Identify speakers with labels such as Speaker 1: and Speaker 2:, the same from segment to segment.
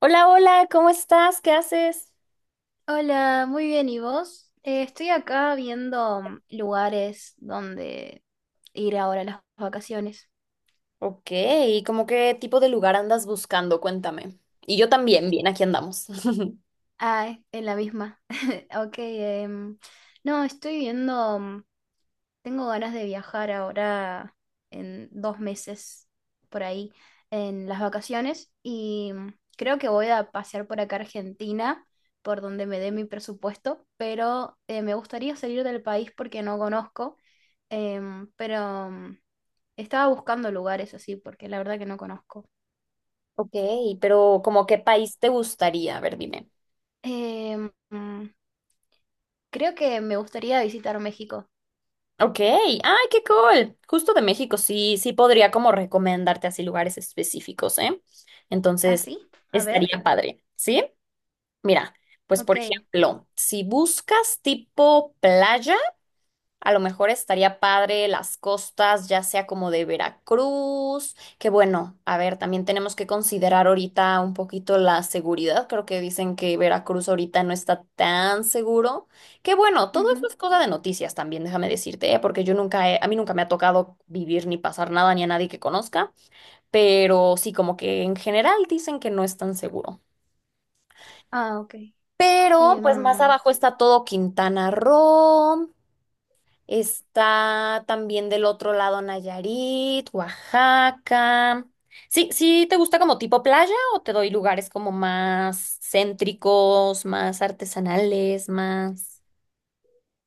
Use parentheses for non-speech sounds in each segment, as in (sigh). Speaker 1: Hola, hola, ¿cómo estás? ¿Qué haces?
Speaker 2: Hola, muy bien, ¿y vos? Estoy acá viendo lugares donde ir ahora a las vacaciones.
Speaker 1: Ok, ¿Cómo qué tipo de lugar andas buscando? Cuéntame. Y yo también, bien, aquí andamos. (laughs)
Speaker 2: Ah, en la misma. (laughs) Ok, no, estoy viendo. Tengo ganas de viajar ahora en 2 meses por ahí en las vacaciones y creo que voy a pasear por acá a Argentina, por donde me dé mi presupuesto, pero me gustaría salir del país porque no conozco, pero estaba buscando lugares así porque la verdad que no conozco.
Speaker 1: Ok, pero ¿como qué país te gustaría? A ver, dime.
Speaker 2: Em, mm, Creo que me gustaría visitar México.
Speaker 1: Ok, ay, qué cool. Justo de México, sí, sí podría como recomendarte así lugares específicos, ¿eh?
Speaker 2: ¿Ah,
Speaker 1: Entonces,
Speaker 2: sí? A ver.
Speaker 1: estaría padre, ¿sí? Mira, pues por
Speaker 2: Ok.
Speaker 1: ejemplo, si buscas tipo playa, a lo mejor estaría padre las costas, ya sea como de Veracruz, que bueno, a ver, también tenemos que considerar ahorita un poquito la seguridad. Creo que dicen que Veracruz ahorita no está tan seguro. Que bueno, todo eso
Speaker 2: Ujú.
Speaker 1: es cosa de noticias también, déjame decirte, ¿eh? Porque yo nunca he- a mí nunca me ha tocado vivir ni pasar nada ni a nadie que conozca, pero sí, como que en general dicen que no es tan seguro.
Speaker 2: Ah, ok.
Speaker 1: Pero pues más
Speaker 2: Em,
Speaker 1: abajo está todo Quintana Roo. Está también del otro lado Nayarit, Oaxaca. Sí, sí, ¿te gusta como tipo playa o te doy lugares como más céntricos, más artesanales, más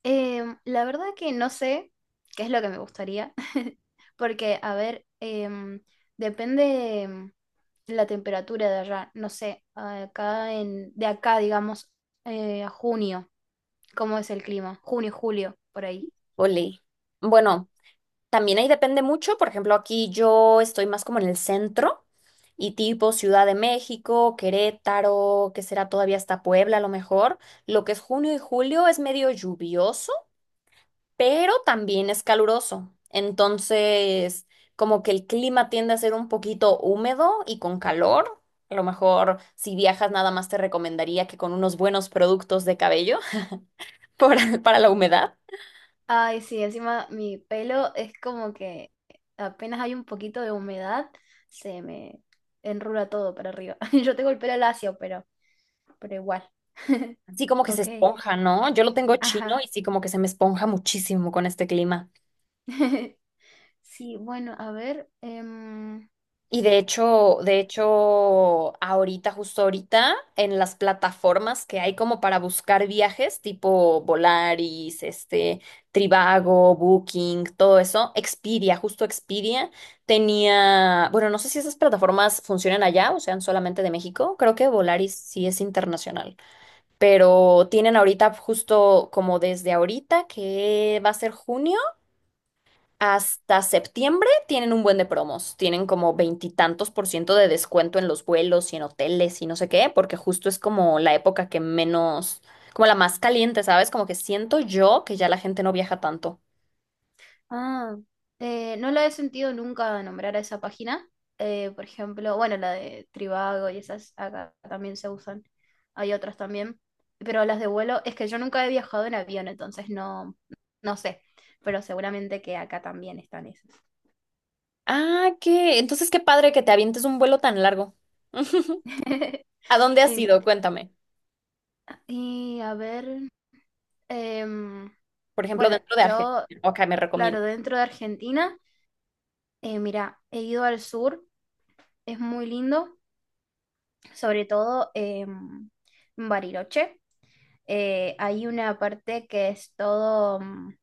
Speaker 2: La verdad que no sé qué es lo que me gustaría, (laughs) porque, a ver, depende la temperatura de allá, no sé, acá en, de acá, digamos, a junio, ¿cómo es el clima? Junio, julio, por ahí.
Speaker 1: olé? Bueno, también ahí depende mucho. Por ejemplo, aquí yo estoy más como en el centro y tipo Ciudad de México, Querétaro, que será todavía hasta Puebla a lo mejor. Lo que es junio y julio es medio lluvioso, pero también es caluroso. Entonces, como que el clima tiende a ser un poquito húmedo y con calor. A lo mejor si viajas nada más te recomendaría que con unos buenos productos de cabello (laughs) para la humedad.
Speaker 2: Ay, sí, encima mi pelo es como que apenas hay un poquito de humedad, se me enrula todo para arriba. (laughs) Yo tengo el pelo lacio, pero igual.
Speaker 1: Así como que se
Speaker 2: Ok,
Speaker 1: esponja, ¿no? Yo lo tengo chino
Speaker 2: ajá.
Speaker 1: y sí como que se me esponja muchísimo con este clima.
Speaker 2: (laughs) Sí, bueno, a ver.
Speaker 1: Y de hecho, ahorita, justo ahorita, en las plataformas que hay como para buscar viajes, tipo Volaris, este, Trivago, Booking, todo eso, Expedia, justo Expedia tenía, bueno, no sé si esas plataformas funcionan allá o sean solamente de México, creo que Volaris sí es internacional, pero tienen ahorita justo como desde ahorita, que va a ser junio. Hasta septiembre tienen un buen de promos, tienen como veintitantos por ciento de descuento en los vuelos y en hoteles y no sé qué, porque justo es como la época que menos, como la más caliente, ¿sabes? Como que siento yo que ya la gente no viaja tanto.
Speaker 2: Ah, no la he sentido nunca nombrar a esa página. Por ejemplo, bueno, la de Trivago y esas acá también se usan. Hay otras también. Pero las de vuelo, es que yo nunca he viajado en avión, entonces no, no sé. Pero seguramente que acá también están esas.
Speaker 1: Ah, qué, entonces qué padre que te avientes un vuelo tan largo. (laughs)
Speaker 2: (laughs)
Speaker 1: ¿A dónde has
Speaker 2: Y,
Speaker 1: ido? Cuéntame.
Speaker 2: y a ver. em,
Speaker 1: Por ejemplo,
Speaker 2: bueno,
Speaker 1: dentro de Argentina.
Speaker 2: yo,
Speaker 1: Ok, me
Speaker 2: claro,
Speaker 1: recomiendas.
Speaker 2: dentro de Argentina, mira, he ido al sur, es muy lindo. Sobre todo en Bariloche. Hay una parte que es todo... mm,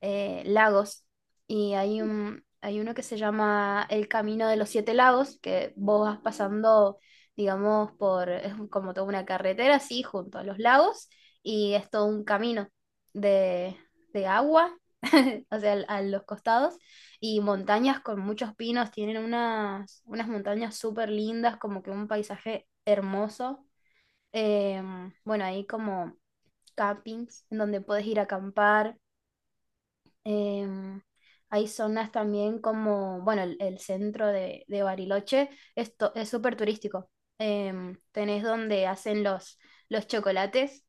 Speaker 2: eh, lagos y hay uno que se llama El Camino de los Siete Lagos, que vos vas pasando, digamos, es como toda una carretera así junto a los lagos y es todo un camino de, de agua, (laughs) o sea, a los costados y montañas con muchos pinos, tienen unas montañas súper lindas, como que un paisaje hermoso. Bueno, ahí como campings en donde puedes ir a acampar. Em, Hay zonas también como, bueno, el centro de Bariloche es súper turístico. Tenés donde hacen los chocolates,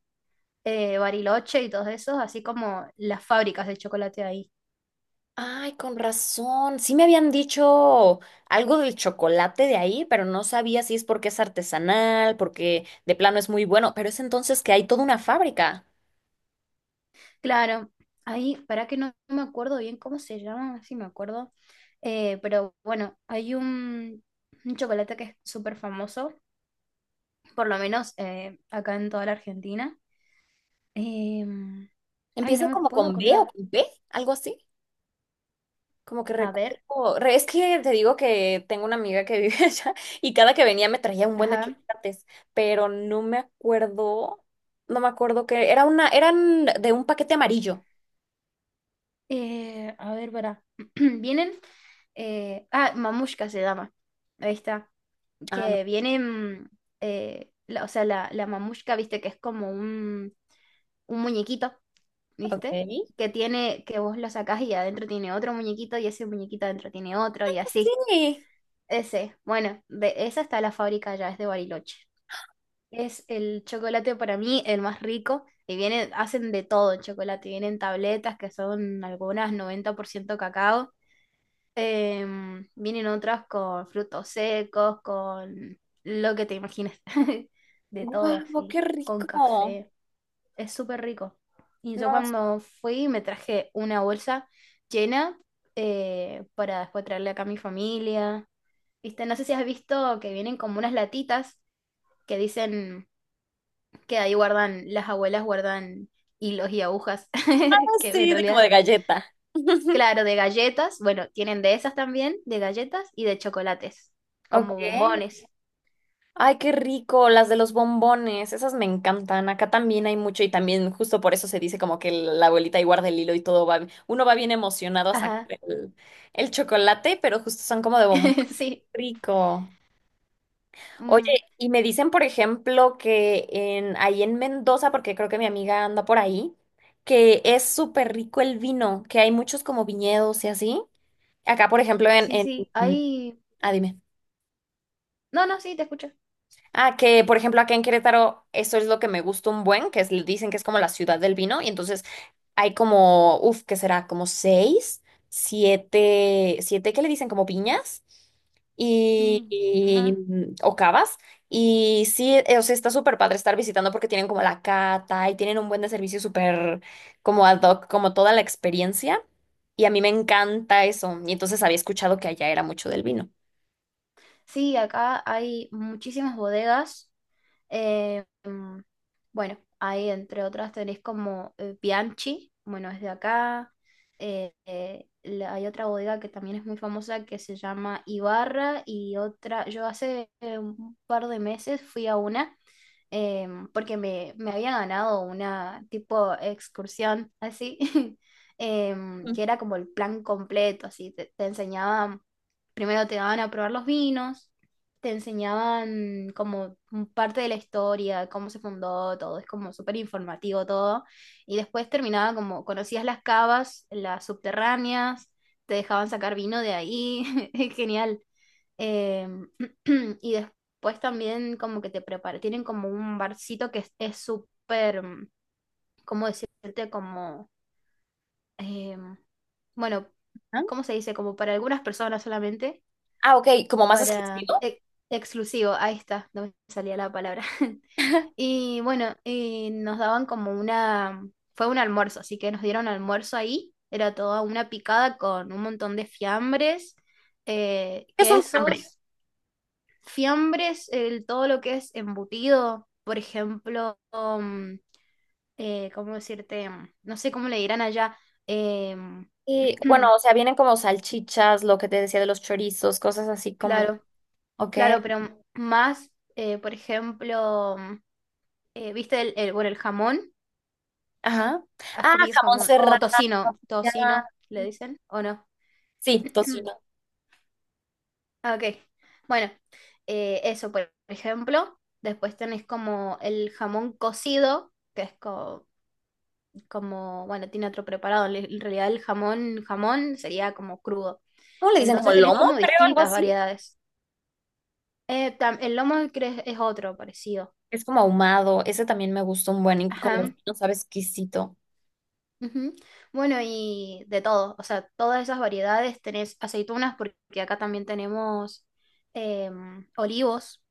Speaker 2: Bariloche y todos esos, así como las fábricas de chocolate ahí.
Speaker 1: Ay, con razón. Sí me habían dicho algo del chocolate de ahí, pero no sabía si es porque es artesanal, porque de plano es muy bueno, pero es entonces que hay toda una fábrica.
Speaker 2: Claro, ahí, para que no me acuerdo bien cómo se llama, a ver si me acuerdo. Pero bueno, hay un chocolate que es súper famoso, por lo menos acá en toda la Argentina. Em, Ay, no
Speaker 1: Empieza
Speaker 2: me
Speaker 1: como
Speaker 2: puedo
Speaker 1: con B o
Speaker 2: acordar.
Speaker 1: con P, algo así. Como que
Speaker 2: A ver,
Speaker 1: recuerdo. Es que te digo que tengo una amiga que vive (laughs) allá y cada que venía me traía un buen de
Speaker 2: ajá.
Speaker 1: chocolates, pero no me acuerdo, no me acuerdo que era una, eran de un paquete amarillo.
Speaker 2: A ver, para. (clears throat) Vienen. Mamushka se llama. Ahí está.
Speaker 1: Ah, no.
Speaker 2: Que vienen. O sea, la mamushka, viste, que es como un muñequito,
Speaker 1: Ok.
Speaker 2: ¿viste? Que vos lo sacás y adentro tiene otro muñequito, y ese muñequito adentro tiene otro, y así.
Speaker 1: Sí.
Speaker 2: Ese. Bueno, de esa está la fábrica ya, es de Bariloche. Es el chocolate para mí el más rico y hacen de todo el chocolate. Vienen tabletas que son algunas 90% cacao. Vienen otras con frutos secos, con lo que te imagines. (laughs) De todo
Speaker 1: Guau, qué
Speaker 2: así, con
Speaker 1: rico.
Speaker 2: café. Es súper rico. Y yo
Speaker 1: No,
Speaker 2: cuando fui me traje una bolsa llena para después traerle acá a mi familia. ¿Viste? No sé si has visto que vienen como unas latitas que dicen que ahí guardan, las abuelas guardan hilos y agujas, (laughs) que en
Speaker 1: sí, de como
Speaker 2: realidad,
Speaker 1: de galleta. (laughs)
Speaker 2: claro, de galletas, bueno, tienen de esas también, de galletas y de chocolates, como
Speaker 1: Ok.
Speaker 2: bombones.
Speaker 1: Ay, qué rico, las de los bombones, esas me encantan. Acá también hay mucho y también justo por eso se dice como que la abuelita ahí guarda el hilo y todo va, uno va bien emocionado a sacar
Speaker 2: Ajá,
Speaker 1: el, el chocolate, pero justo son como de bombón.
Speaker 2: (laughs) sí,
Speaker 1: Rico. Oye,
Speaker 2: mm,
Speaker 1: y me dicen, por ejemplo, que en, ahí en Mendoza, porque creo que mi amiga anda por ahí, que es súper rico el vino, que hay muchos como viñedos y así. Acá, por ejemplo, en,
Speaker 2: sí, sí,
Speaker 1: en...
Speaker 2: hay...
Speaker 1: Ah, dime.
Speaker 2: No, no, sí, te escucho.
Speaker 1: Ah, que por ejemplo acá en Querétaro, eso es lo que me gusta un buen, que es, dicen que es como la ciudad del vino, y entonces hay como, uff, ¿qué será? Como seis, siete, siete que le dicen como viñas y,
Speaker 2: Mm,
Speaker 1: y,
Speaker 2: ajá.
Speaker 1: mm, o cavas. Y sí, o sea, está súper padre estar visitando porque tienen como la cata y tienen un buen de servicio súper como ad hoc, como toda la experiencia. Y a mí me encanta eso. Y entonces había escuchado que allá era mucho del vino.
Speaker 2: Sí, acá hay muchísimas bodegas. Eh, mm, bueno, ahí entre otras tenéis como Bianchi, bueno, es de acá. Hay otra bodega que también es muy famosa que se llama Ibarra y otra, yo hace un par de meses fui a una, porque me había ganado una tipo excursión así, (laughs)
Speaker 1: Ujú.
Speaker 2: que era como el plan completo, así, te enseñaban, primero te daban a probar los vinos, te enseñaban como un parte de la historia, cómo se fundó todo, es como súper informativo todo, y después terminaba como, conocías las cavas, las subterráneas, te dejaban sacar vino de ahí, (laughs) es genial. Em, (clears throat) y pues también como que te prepara, tienen como un barcito que es súper, ¿cómo decirte? Como, em, bueno, ¿cómo se dice? Como para algunas personas solamente,
Speaker 1: Ah, ok, como más
Speaker 2: para
Speaker 1: exquisito.
Speaker 2: exclusivo, ahí está, no me salía la palabra. (laughs)
Speaker 1: (laughs)
Speaker 2: Y bueno, y nos daban como fue un almuerzo, así que nos dieron almuerzo ahí, era toda una picada con un montón de fiambres,
Speaker 1: ¿Qué es un fiambre?
Speaker 2: quesos. Fiambres, todo lo que es embutido, por ejemplo, ¿cómo decirte? No sé cómo le dirán allá. em,
Speaker 1: Y bueno,
Speaker 2: (clears throat)
Speaker 1: o sea, vienen como salchichas, lo que te decía de los chorizos, cosas así como,
Speaker 2: claro,
Speaker 1: ok,
Speaker 2: claro, pero más, por ejemplo, ¿viste bueno, el jamón?
Speaker 1: ajá.
Speaker 2: ¿Has
Speaker 1: Ah,
Speaker 2: comido
Speaker 1: jamón
Speaker 2: jamón?
Speaker 1: serrano,
Speaker 2: O tocino,
Speaker 1: ya.
Speaker 2: tocino, le dicen, ¿o no?
Speaker 1: Sí,
Speaker 2: (clears throat)
Speaker 1: tocino.
Speaker 2: Ah, ok, bueno, eso por ejemplo. Después tenés como el jamón cocido, que es como, bueno, tiene otro preparado. En realidad el jamón, jamón sería como crudo.
Speaker 1: ¿Cómo le dicen? Como
Speaker 2: Entonces tenés
Speaker 1: lomo,
Speaker 2: como
Speaker 1: creo, algo
Speaker 2: distintas
Speaker 1: así.
Speaker 2: variedades. El lomo es otro parecido.
Speaker 1: Es como ahumado, ese también me gusta un buen y con los
Speaker 2: Ajá.
Speaker 1: pinos sabe exquisito.
Speaker 2: Ujú. Bueno, y de todo, o sea, todas esas variedades tenés aceitunas porque acá también tenemos olivos,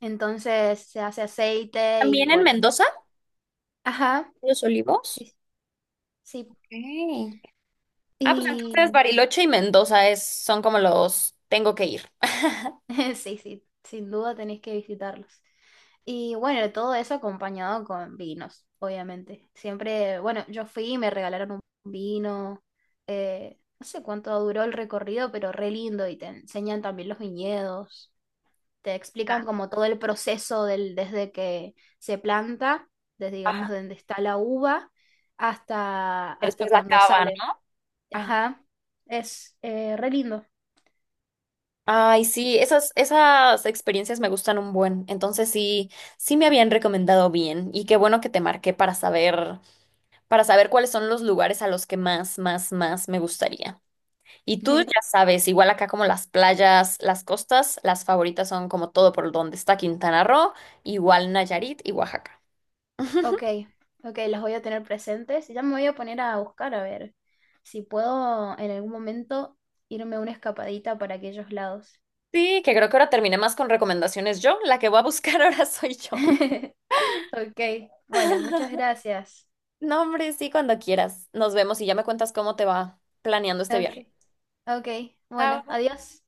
Speaker 2: entonces se hace aceite
Speaker 1: ¿También
Speaker 2: y
Speaker 1: en
Speaker 2: bueno,
Speaker 1: Mendoza?
Speaker 2: ajá,
Speaker 1: ¿Los olivos?
Speaker 2: sí, sí,
Speaker 1: Ok. Ah, pues entonces
Speaker 2: y
Speaker 1: Bariloche y Mendoza es, son como los tengo que ir. (laughs)
Speaker 2: (laughs) sí, sí, sin duda tenés que visitarlos. Y bueno, todo eso acompañado con vinos, obviamente. Siempre, bueno, yo fui y me regalaron un vino. No sé cuánto duró el recorrido, pero re lindo. Y te enseñan también los viñedos. Te
Speaker 1: Ajá.
Speaker 2: explican como todo el proceso desde que se planta, desde digamos
Speaker 1: Ajá.
Speaker 2: donde está la uva, hasta
Speaker 1: Después la
Speaker 2: cuando
Speaker 1: cava, ¿no?
Speaker 2: sale.
Speaker 1: Ajá.
Speaker 2: Ajá, es re lindo.
Speaker 1: Ay, sí, esas, esas experiencias me gustan un buen. Entonces sí, sí me habían recomendado bien. Y qué bueno que te marqué para saber cuáles son los lugares a los que más, más, más me gustaría. Y tú ya
Speaker 2: (laughs)
Speaker 1: sabes, igual acá como las playas, las costas, las favoritas son como todo por donde está Quintana Roo, igual Nayarit y Oaxaca.
Speaker 2: Ok,
Speaker 1: (laughs)
Speaker 2: ok, los voy a tener presentes. Ya me voy a poner a buscar a ver si puedo en algún momento irme a una escapadita para aquellos lados.
Speaker 1: Sí, que creo que ahora terminé más con recomendaciones yo, la que voy a buscar (laughs) ahora soy yo.
Speaker 2: (laughs) Ok, bueno, muchas
Speaker 1: (laughs)
Speaker 2: gracias.
Speaker 1: No, hombre, sí, cuando quieras. Nos vemos y ya me cuentas cómo te va planeando este
Speaker 2: Ok,
Speaker 1: viaje.
Speaker 2: ok, bueno,
Speaker 1: Chao.
Speaker 2: adiós.